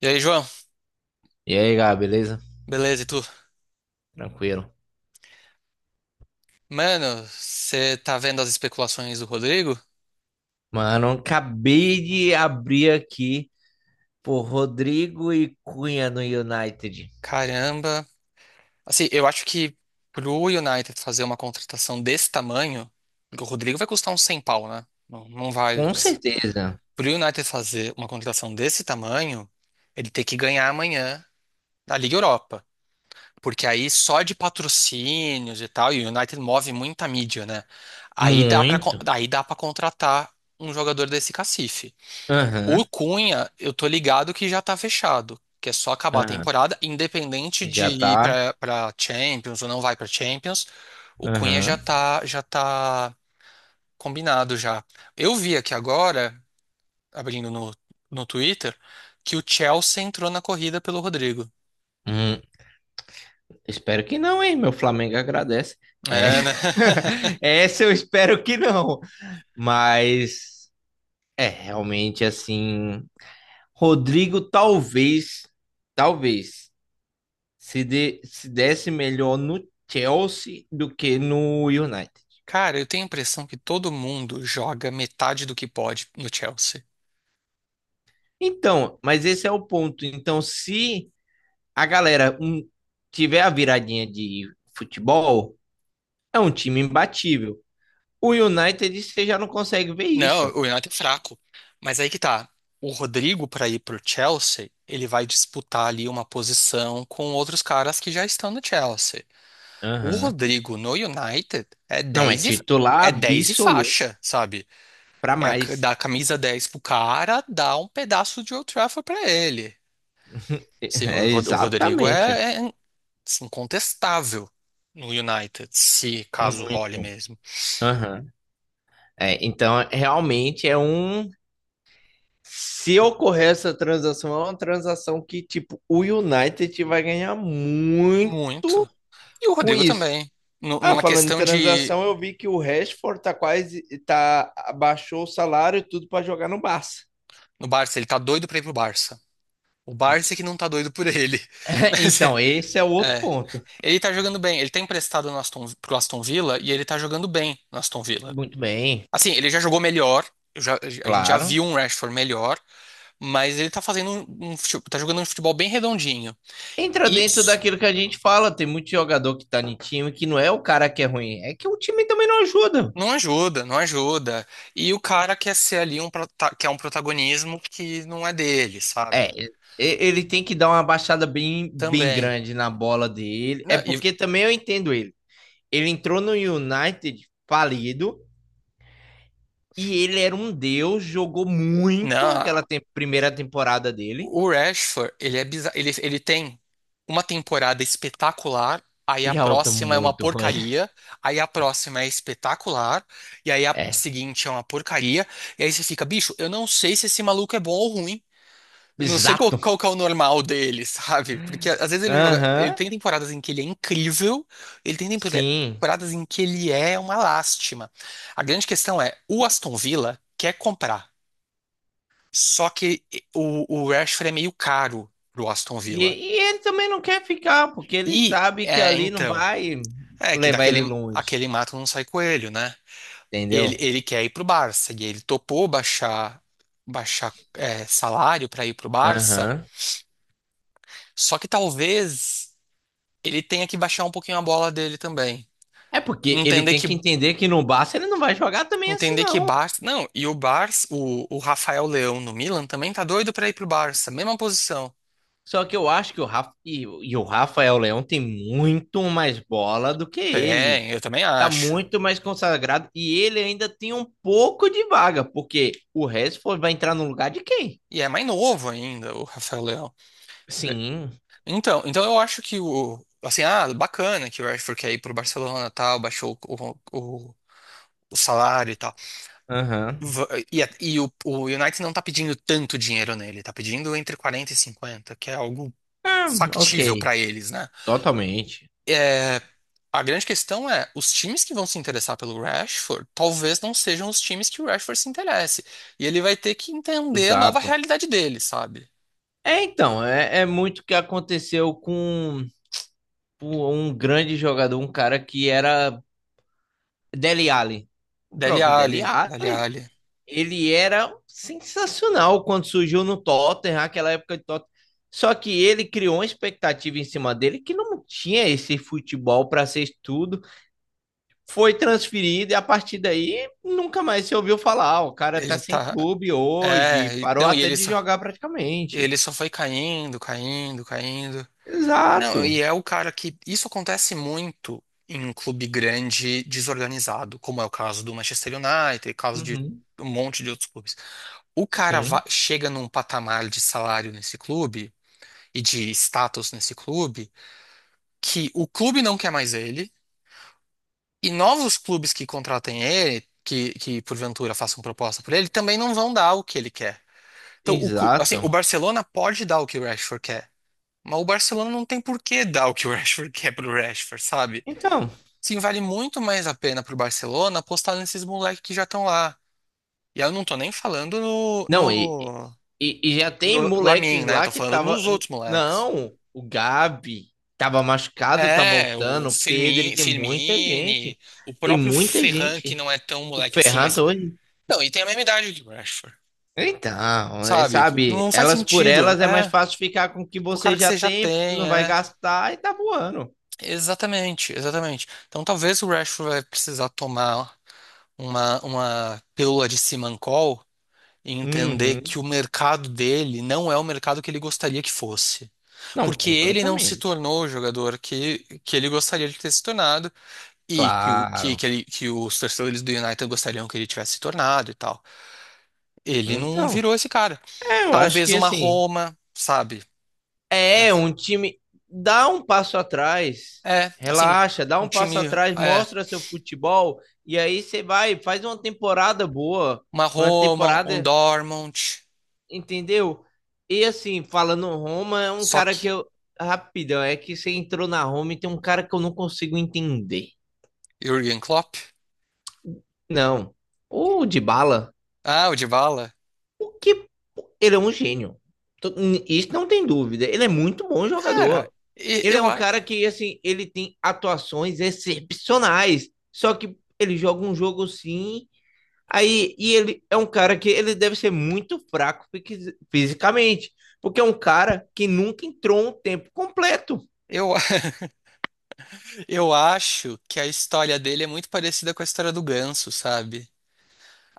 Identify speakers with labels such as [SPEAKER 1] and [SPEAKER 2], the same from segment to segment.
[SPEAKER 1] E aí, João?
[SPEAKER 2] E aí, Gá, beleza?
[SPEAKER 1] Beleza, e tu?
[SPEAKER 2] Tranquilo.
[SPEAKER 1] Mano, você tá vendo as especulações do Rodrigo?
[SPEAKER 2] Mano, acabei de abrir aqui por Rodrigo e Cunha no United.
[SPEAKER 1] Caramba. Assim, eu acho que pro United fazer uma contratação desse tamanho, o Rodrigo vai custar uns 100 pau, né? Não vai.
[SPEAKER 2] Com certeza.
[SPEAKER 1] Pro United fazer uma contratação desse tamanho, ele tem que ganhar amanhã na Liga Europa. Porque aí só de patrocínios e tal, e o United move muita mídia, né? Aí
[SPEAKER 2] Muito.
[SPEAKER 1] aí dá pra contratar um jogador desse cacife. O
[SPEAKER 2] Aham,
[SPEAKER 1] Cunha, eu tô ligado que já tá fechado, que é só acabar a
[SPEAKER 2] aham.
[SPEAKER 1] temporada, independente de
[SPEAKER 2] Já
[SPEAKER 1] ir
[SPEAKER 2] tá.
[SPEAKER 1] pra Champions ou não vai pra Champions, o Cunha já
[SPEAKER 2] Aham.
[SPEAKER 1] tá, já tá combinado já. Eu vi aqui agora, abrindo no Twitter, que o Chelsea entrou na corrida pelo Rodrigo.
[SPEAKER 2] Hum, Espero que não, hein? Meu Flamengo agradece. É.
[SPEAKER 1] É, né?
[SPEAKER 2] Essa eu espero que não. Mas é realmente assim. Rodrigo, talvez. Talvez se desse melhor no Chelsea do que no United.
[SPEAKER 1] Cara, eu tenho a impressão que todo mundo joga metade do que pode no Chelsea.
[SPEAKER 2] Então, mas esse é o ponto. Então, se a galera tiver a viradinha de futebol, é um time imbatível. O United, você já não consegue ver
[SPEAKER 1] Não,
[SPEAKER 2] isso.
[SPEAKER 1] o United é fraco. Mas aí que tá. O Rodrigo, para ir pro Chelsea, ele vai disputar ali uma posição com outros caras que já estão no Chelsea. O
[SPEAKER 2] Aham.
[SPEAKER 1] Rodrigo no United
[SPEAKER 2] Não é titular
[SPEAKER 1] é 10 e
[SPEAKER 2] absoluto
[SPEAKER 1] faixa, sabe?
[SPEAKER 2] para
[SPEAKER 1] Dar
[SPEAKER 2] mais.
[SPEAKER 1] a camisa 10 pro cara, dar um pedaço de Old Trafford pra ele. Sim, o,
[SPEAKER 2] É
[SPEAKER 1] Rod- o Rodrigo
[SPEAKER 2] exatamente.
[SPEAKER 1] é, é assim, incontestável no United, se caso role
[SPEAKER 2] Muito.
[SPEAKER 1] mesmo.
[SPEAKER 2] Aham. É, então, realmente se ocorrer essa transação, é uma transação que, tipo, o United vai ganhar muito
[SPEAKER 1] Muito. E o
[SPEAKER 2] com
[SPEAKER 1] Rodrigo
[SPEAKER 2] isso.
[SPEAKER 1] também. Nu-
[SPEAKER 2] Ah,
[SPEAKER 1] Numa
[SPEAKER 2] falando em
[SPEAKER 1] questão de.
[SPEAKER 2] transação, eu vi que o Rashford tá quase, tá, abaixou o salário e tudo para jogar no Barça.
[SPEAKER 1] No Barça, ele tá doido pra ir pro Barça. O Barça é que não tá doido por ele. Mas,
[SPEAKER 2] Então, esse é o outro
[SPEAKER 1] é,
[SPEAKER 2] ponto.
[SPEAKER 1] ele tá jogando bem. Ele tá emprestado no pro Aston Villa e ele tá jogando bem no Aston Villa.
[SPEAKER 2] Muito bem,
[SPEAKER 1] Assim, ele já jogou melhor. eu já- a gente já viu
[SPEAKER 2] claro.
[SPEAKER 1] um Rashford melhor, mas ele tá fazendo um, um fute- tá jogando um futebol bem redondinho.
[SPEAKER 2] Entra
[SPEAKER 1] E
[SPEAKER 2] dentro
[SPEAKER 1] s-
[SPEAKER 2] daquilo que a gente fala, tem muito jogador que tá em time que não é o cara que é ruim, é que o time também não ajuda.
[SPEAKER 1] não ajuda, não ajuda. E o cara quer um protagonismo que não é dele, sabe?
[SPEAKER 2] É, ele tem que dar uma baixada bem, bem
[SPEAKER 1] Também.
[SPEAKER 2] grande na bola dele. É
[SPEAKER 1] Não, e,
[SPEAKER 2] porque também eu entendo ele. Ele entrou no United falido e ele era um deus, jogou muito
[SPEAKER 1] não,
[SPEAKER 2] aquela primeira temporada dele.
[SPEAKER 1] O Rashford, ele é bizarro, ele tem uma temporada espetacular, aí a
[SPEAKER 2] E a outra
[SPEAKER 1] próxima é uma
[SPEAKER 2] muito ruim.
[SPEAKER 1] porcaria, aí a próxima é espetacular, e aí a
[SPEAKER 2] É,
[SPEAKER 1] seguinte é uma porcaria, e aí você fica, bicho, eu não sei se esse maluco é bom ou ruim. Eu não sei qual,
[SPEAKER 2] exato.
[SPEAKER 1] qual que é o normal dele, sabe? Porque às vezes ele
[SPEAKER 2] Aham,
[SPEAKER 1] tem temporadas em que ele é incrível, ele
[SPEAKER 2] sim.
[SPEAKER 1] temporadas em que ele é uma lástima. A grande questão é, o Aston Villa quer comprar. Só que o Rashford é meio caro pro Aston
[SPEAKER 2] E,
[SPEAKER 1] Villa.
[SPEAKER 2] e ele também não quer ficar, porque ele
[SPEAKER 1] E,
[SPEAKER 2] sabe que
[SPEAKER 1] é,
[SPEAKER 2] ali não
[SPEAKER 1] então,
[SPEAKER 2] vai
[SPEAKER 1] é que
[SPEAKER 2] levar ele
[SPEAKER 1] daquele
[SPEAKER 2] longe,
[SPEAKER 1] aquele mato não sai coelho, né? Ele,
[SPEAKER 2] entendeu?
[SPEAKER 1] ele quer ir pro Barça e ele topou baixar salário para ir pro Barça.
[SPEAKER 2] Aham.
[SPEAKER 1] Só que talvez ele tenha que baixar um pouquinho a bola dele também.
[SPEAKER 2] É porque ele
[SPEAKER 1] Entender
[SPEAKER 2] tem que
[SPEAKER 1] que
[SPEAKER 2] entender que no Barça ele não vai jogar também assim,
[SPEAKER 1] entender que
[SPEAKER 2] não.
[SPEAKER 1] Barça, não, e o Rafael Leão no Milan também tá doido para ir pro Barça, mesma posição.
[SPEAKER 2] Só que eu acho que o Rafael Leão tem muito mais bola do que ele.
[SPEAKER 1] Tem, eu também
[SPEAKER 2] Tá
[SPEAKER 1] acho.
[SPEAKER 2] muito mais consagrado e ele ainda tem um pouco de vaga, porque o Rashford vai entrar no lugar de quem?
[SPEAKER 1] E é mais novo ainda, o Rafael Leão. É.
[SPEAKER 2] Sim.
[SPEAKER 1] Então eu acho que o. Assim, ah, bacana que o Rashford quer ir pro Barcelona tal, baixou o salário e tal.
[SPEAKER 2] Aham.
[SPEAKER 1] E o United não tá pedindo tanto dinheiro nele, tá pedindo entre 40 e 50, que é algo
[SPEAKER 2] Ah,
[SPEAKER 1] factível
[SPEAKER 2] ok.
[SPEAKER 1] pra eles, né?
[SPEAKER 2] Totalmente.
[SPEAKER 1] É, a grande questão é, os times que vão se interessar pelo Rashford talvez não sejam os times que o Rashford se interesse. E ele vai ter que entender a nova
[SPEAKER 2] Exato.
[SPEAKER 1] realidade dele, sabe?
[SPEAKER 2] É, então, é, é muito o que aconteceu com um grande jogador, um cara que era Dele Alli. O
[SPEAKER 1] Dele
[SPEAKER 2] próprio
[SPEAKER 1] Alli,
[SPEAKER 2] Dele
[SPEAKER 1] Dele
[SPEAKER 2] Alli.
[SPEAKER 1] Alli.
[SPEAKER 2] Ele era sensacional quando surgiu no Tottenham, aquela época de Tottenham. Só que ele criou uma expectativa em cima dele que não tinha esse futebol para ser tudo. Foi transferido e a partir daí nunca mais se ouviu falar. "Ah, o cara tá
[SPEAKER 1] Ele
[SPEAKER 2] sem
[SPEAKER 1] tá.
[SPEAKER 2] clube hoje,
[SPEAKER 1] É, e-
[SPEAKER 2] parou
[SPEAKER 1] não, e
[SPEAKER 2] até de jogar praticamente.
[SPEAKER 1] ele só foi caindo, caindo, caindo. Não, e
[SPEAKER 2] Exato.
[SPEAKER 1] é o cara que. Isso acontece muito em um clube grande desorganizado, como é o caso do Manchester United, caso de
[SPEAKER 2] Uhum.
[SPEAKER 1] um monte de outros clubes.
[SPEAKER 2] Sim,
[SPEAKER 1] Chega num patamar de salário nesse clube e de status nesse clube que o clube não quer mais ele e novos clubes que contratem ele, que porventura façam proposta por ele, também não vão dar o que ele quer. Então, assim,
[SPEAKER 2] exato.
[SPEAKER 1] o Barcelona pode dar o que o Rashford quer, mas o Barcelona não tem por que dar o que o Rashford quer pro Rashford, sabe?
[SPEAKER 2] Então,
[SPEAKER 1] Sim, vale muito mais a pena pro Barcelona apostar nesses moleques que já estão lá. E aí eu não tô nem falando no,
[SPEAKER 2] não, e,
[SPEAKER 1] no,
[SPEAKER 2] e, e já tem
[SPEAKER 1] no Lamine,
[SPEAKER 2] moleques
[SPEAKER 1] né? Eu
[SPEAKER 2] lá
[SPEAKER 1] tô
[SPEAKER 2] que
[SPEAKER 1] falando
[SPEAKER 2] tava.
[SPEAKER 1] nos outros moleques.
[SPEAKER 2] Não, o Gabi tava machucado, tá
[SPEAKER 1] É, o
[SPEAKER 2] voltando. O Pedro, e tem muita gente.
[SPEAKER 1] Firmini, o
[SPEAKER 2] Tem
[SPEAKER 1] próprio
[SPEAKER 2] muita
[SPEAKER 1] Ferran, que
[SPEAKER 2] gente.
[SPEAKER 1] não é tão
[SPEAKER 2] O
[SPEAKER 1] moleque assim,
[SPEAKER 2] Ferran
[SPEAKER 1] mas.
[SPEAKER 2] tá hoje.
[SPEAKER 1] Não, e tem a mesma idade que o Rashford,
[SPEAKER 2] Então, é,
[SPEAKER 1] sabe?
[SPEAKER 2] sabe,
[SPEAKER 1] Não faz
[SPEAKER 2] elas por
[SPEAKER 1] sentido.
[SPEAKER 2] elas é mais
[SPEAKER 1] É,
[SPEAKER 2] fácil ficar com o que
[SPEAKER 1] com o
[SPEAKER 2] você
[SPEAKER 1] cara que
[SPEAKER 2] já
[SPEAKER 1] você já
[SPEAKER 2] tem, não
[SPEAKER 1] tem,
[SPEAKER 2] vai
[SPEAKER 1] é.
[SPEAKER 2] gastar e tá voando.
[SPEAKER 1] Exatamente, exatamente. Então talvez o Rashford vai precisar tomar uma pílula de Simancol e entender
[SPEAKER 2] Uhum.
[SPEAKER 1] que o mercado dele não é o mercado que ele gostaria que fosse.
[SPEAKER 2] Não,
[SPEAKER 1] Porque ele não se
[SPEAKER 2] completamente.
[SPEAKER 1] tornou o jogador que ele gostaria de ter se tornado e que, o- que,
[SPEAKER 2] Claro.
[SPEAKER 1] que, ele- que os torcedores do United gostariam que ele tivesse se tornado e tal. Ele não
[SPEAKER 2] Então,
[SPEAKER 1] virou esse cara.
[SPEAKER 2] é, eu acho
[SPEAKER 1] Talvez
[SPEAKER 2] que
[SPEAKER 1] uma
[SPEAKER 2] assim,
[SPEAKER 1] Roma, sabe?
[SPEAKER 2] é, um time. Dá um passo atrás.
[SPEAKER 1] É, assim,
[SPEAKER 2] Relaxa, dá
[SPEAKER 1] um
[SPEAKER 2] um passo
[SPEAKER 1] time,
[SPEAKER 2] atrás,
[SPEAKER 1] é,
[SPEAKER 2] mostra seu futebol e aí você vai, faz uma temporada boa,
[SPEAKER 1] uma
[SPEAKER 2] uma
[SPEAKER 1] Roma, um
[SPEAKER 2] temporada,
[SPEAKER 1] Dortmund.
[SPEAKER 2] entendeu? E assim, falando Roma, é um cara que
[SPEAKER 1] Sock,
[SPEAKER 2] eu. Rapidão, é que você entrou na Roma e tem um cara que eu não consigo entender.
[SPEAKER 1] Jürgen Klopp.
[SPEAKER 2] Não. O Dybala,
[SPEAKER 1] Ah, o Dybala.
[SPEAKER 2] o que. Ele é um gênio. Tô- Isso não tem dúvida. Ele é muito bom
[SPEAKER 1] Cara,
[SPEAKER 2] jogador.
[SPEAKER 1] e-
[SPEAKER 2] Ele é
[SPEAKER 1] eu,
[SPEAKER 2] um
[SPEAKER 1] a-
[SPEAKER 2] cara que, assim, ele tem atuações excepcionais. Só que ele joga um jogo sim. Aí, e ele é um cara que ele deve ser muito fraco fisicamente. Porque é um cara que nunca entrou um tempo completo.
[SPEAKER 1] eu, eu acho que a história dele é muito parecida com a história do Ganso, sabe?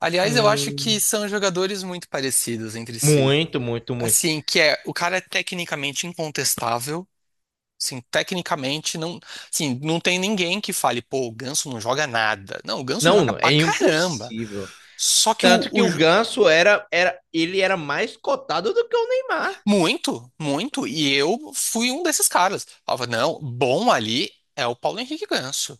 [SPEAKER 1] Aliás, eu acho que
[SPEAKER 2] Hum,
[SPEAKER 1] são jogadores muito parecidos entre si.
[SPEAKER 2] muito, muito, muito.
[SPEAKER 1] Assim, que é, o cara é tecnicamente incontestável. Assim, tecnicamente, não, assim, não tem ninguém que fale, pô, o Ganso não joga nada. Não, o Ganso
[SPEAKER 2] Não,
[SPEAKER 1] joga
[SPEAKER 2] não,
[SPEAKER 1] pra
[SPEAKER 2] é
[SPEAKER 1] caramba.
[SPEAKER 2] impossível.
[SPEAKER 1] Só que o.
[SPEAKER 2] Tanto que o Ganso ele era mais cotado do que o Neymar.
[SPEAKER 1] Muito, muito. E eu fui um desses caras. Falava, não, bom ali é o Paulo Henrique Ganso.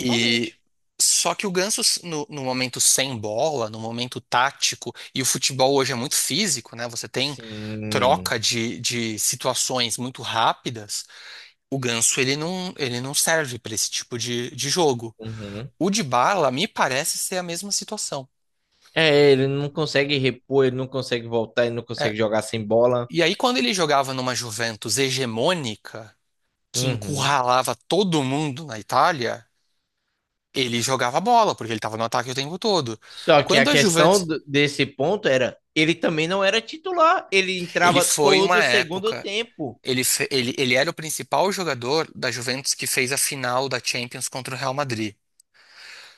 [SPEAKER 1] E só que o Ganso, no momento sem bola, no momento tático, e o futebol hoje é muito físico, né? Você tem
[SPEAKER 2] Sim.
[SPEAKER 1] troca de situações muito rápidas. O Ganso, ele não serve para esse tipo de jogo.
[SPEAKER 2] Uhum.
[SPEAKER 1] O Dybala me parece ser a mesma situação.
[SPEAKER 2] É, ele não consegue repor, ele não consegue voltar, ele não
[SPEAKER 1] É,
[SPEAKER 2] consegue jogar sem bola.
[SPEAKER 1] e aí, quando ele jogava numa Juventus hegemônica, que
[SPEAKER 2] Uhum.
[SPEAKER 1] encurralava todo mundo na Itália, ele jogava bola, porque ele estava no ataque o tempo todo.
[SPEAKER 2] Só que a
[SPEAKER 1] Quando a
[SPEAKER 2] questão
[SPEAKER 1] Juventus,
[SPEAKER 2] desse ponto era, ele também não era titular, ele
[SPEAKER 1] ele
[SPEAKER 2] entrava
[SPEAKER 1] foi uma
[SPEAKER 2] todo segundo
[SPEAKER 1] época,
[SPEAKER 2] tempo.
[SPEAKER 1] ele, fe- ele era o principal jogador da Juventus que fez a final da Champions contra o Real Madrid.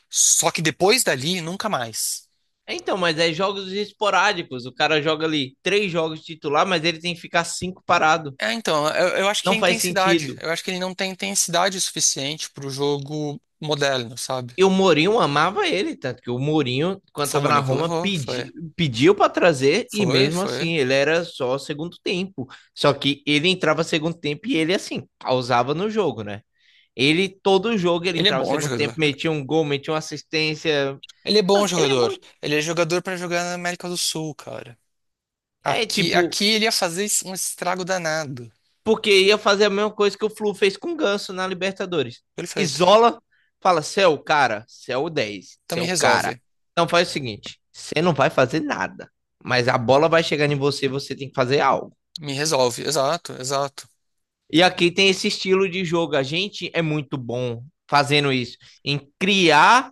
[SPEAKER 1] Só que depois dali, nunca mais.
[SPEAKER 2] Então, mas é jogos esporádicos, o cara joga ali três jogos titular, mas ele tem que ficar cinco parado.
[SPEAKER 1] É, então, eu acho que é
[SPEAKER 2] Não faz
[SPEAKER 1] intensidade.
[SPEAKER 2] sentido.
[SPEAKER 1] Eu acho que ele não tem intensidade suficiente para o jogo moderno, sabe?
[SPEAKER 2] E o Mourinho amava ele, tanto que o Mourinho, quando
[SPEAKER 1] Foi o
[SPEAKER 2] estava na
[SPEAKER 1] único que
[SPEAKER 2] Roma,
[SPEAKER 1] levou, foi.
[SPEAKER 2] pediu para trazer e
[SPEAKER 1] Foi,
[SPEAKER 2] mesmo
[SPEAKER 1] foi.
[SPEAKER 2] assim ele era só segundo tempo. Só que ele entrava segundo tempo e ele, assim, causava no jogo, né? Ele, todo jogo, ele
[SPEAKER 1] Ele é
[SPEAKER 2] entrava
[SPEAKER 1] bom
[SPEAKER 2] segundo tempo,
[SPEAKER 1] jogador.
[SPEAKER 2] metia um gol, metia uma assistência.
[SPEAKER 1] Ele é bom
[SPEAKER 2] Mano, ele é
[SPEAKER 1] jogador.
[SPEAKER 2] muito.
[SPEAKER 1] Ele é jogador pra jogar na América do Sul, cara.
[SPEAKER 2] É
[SPEAKER 1] Aqui,
[SPEAKER 2] tipo,
[SPEAKER 1] aqui ele ia fazer es- um estrago danado.
[SPEAKER 2] porque ia fazer a mesma coisa que o Flu fez com o Ganso na Libertadores.
[SPEAKER 1] Perfeito.
[SPEAKER 2] Isola, fala, você é o cara, você é o 10,
[SPEAKER 1] Então
[SPEAKER 2] você é
[SPEAKER 1] me
[SPEAKER 2] o cara.
[SPEAKER 1] resolve.
[SPEAKER 2] Então faz o seguinte, você não vai fazer nada, mas a bola vai chegar em você, e você tem que fazer algo.
[SPEAKER 1] Me resolve. Exato, exato.
[SPEAKER 2] E aqui tem esse estilo de jogo, a gente é muito bom fazendo isso, em criar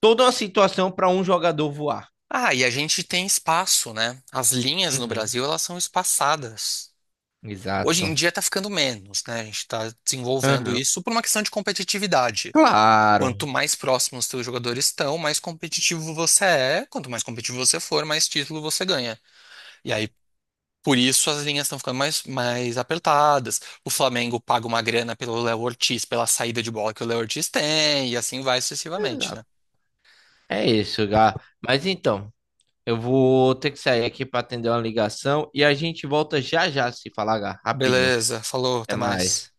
[SPEAKER 2] toda uma situação para um jogador voar.
[SPEAKER 1] Ah, e a gente tem espaço, né? As linhas no
[SPEAKER 2] Uhum,
[SPEAKER 1] Brasil, elas são espaçadas. Hoje em
[SPEAKER 2] exato.
[SPEAKER 1] dia tá ficando menos, né? A gente tá desenvolvendo
[SPEAKER 2] Uhum,
[SPEAKER 1] isso por uma questão de competitividade.
[SPEAKER 2] claro.
[SPEAKER 1] Quanto mais próximos os teus jogadores estão, mais competitivo você é. Quanto mais competitivo você for, mais título você ganha. E aí. Por isso as linhas estão ficando mais apertadas. O Flamengo paga uma grana pelo Léo Ortiz, pela saída de bola que o Léo Ortiz tem, e assim vai sucessivamente, né?
[SPEAKER 2] Exato. É isso, Gá. Mas então, eu vou ter que sair aqui para atender uma ligação e a gente volta já já se falar rapidinho.
[SPEAKER 1] Beleza, falou,
[SPEAKER 2] Até
[SPEAKER 1] até mais.
[SPEAKER 2] mais.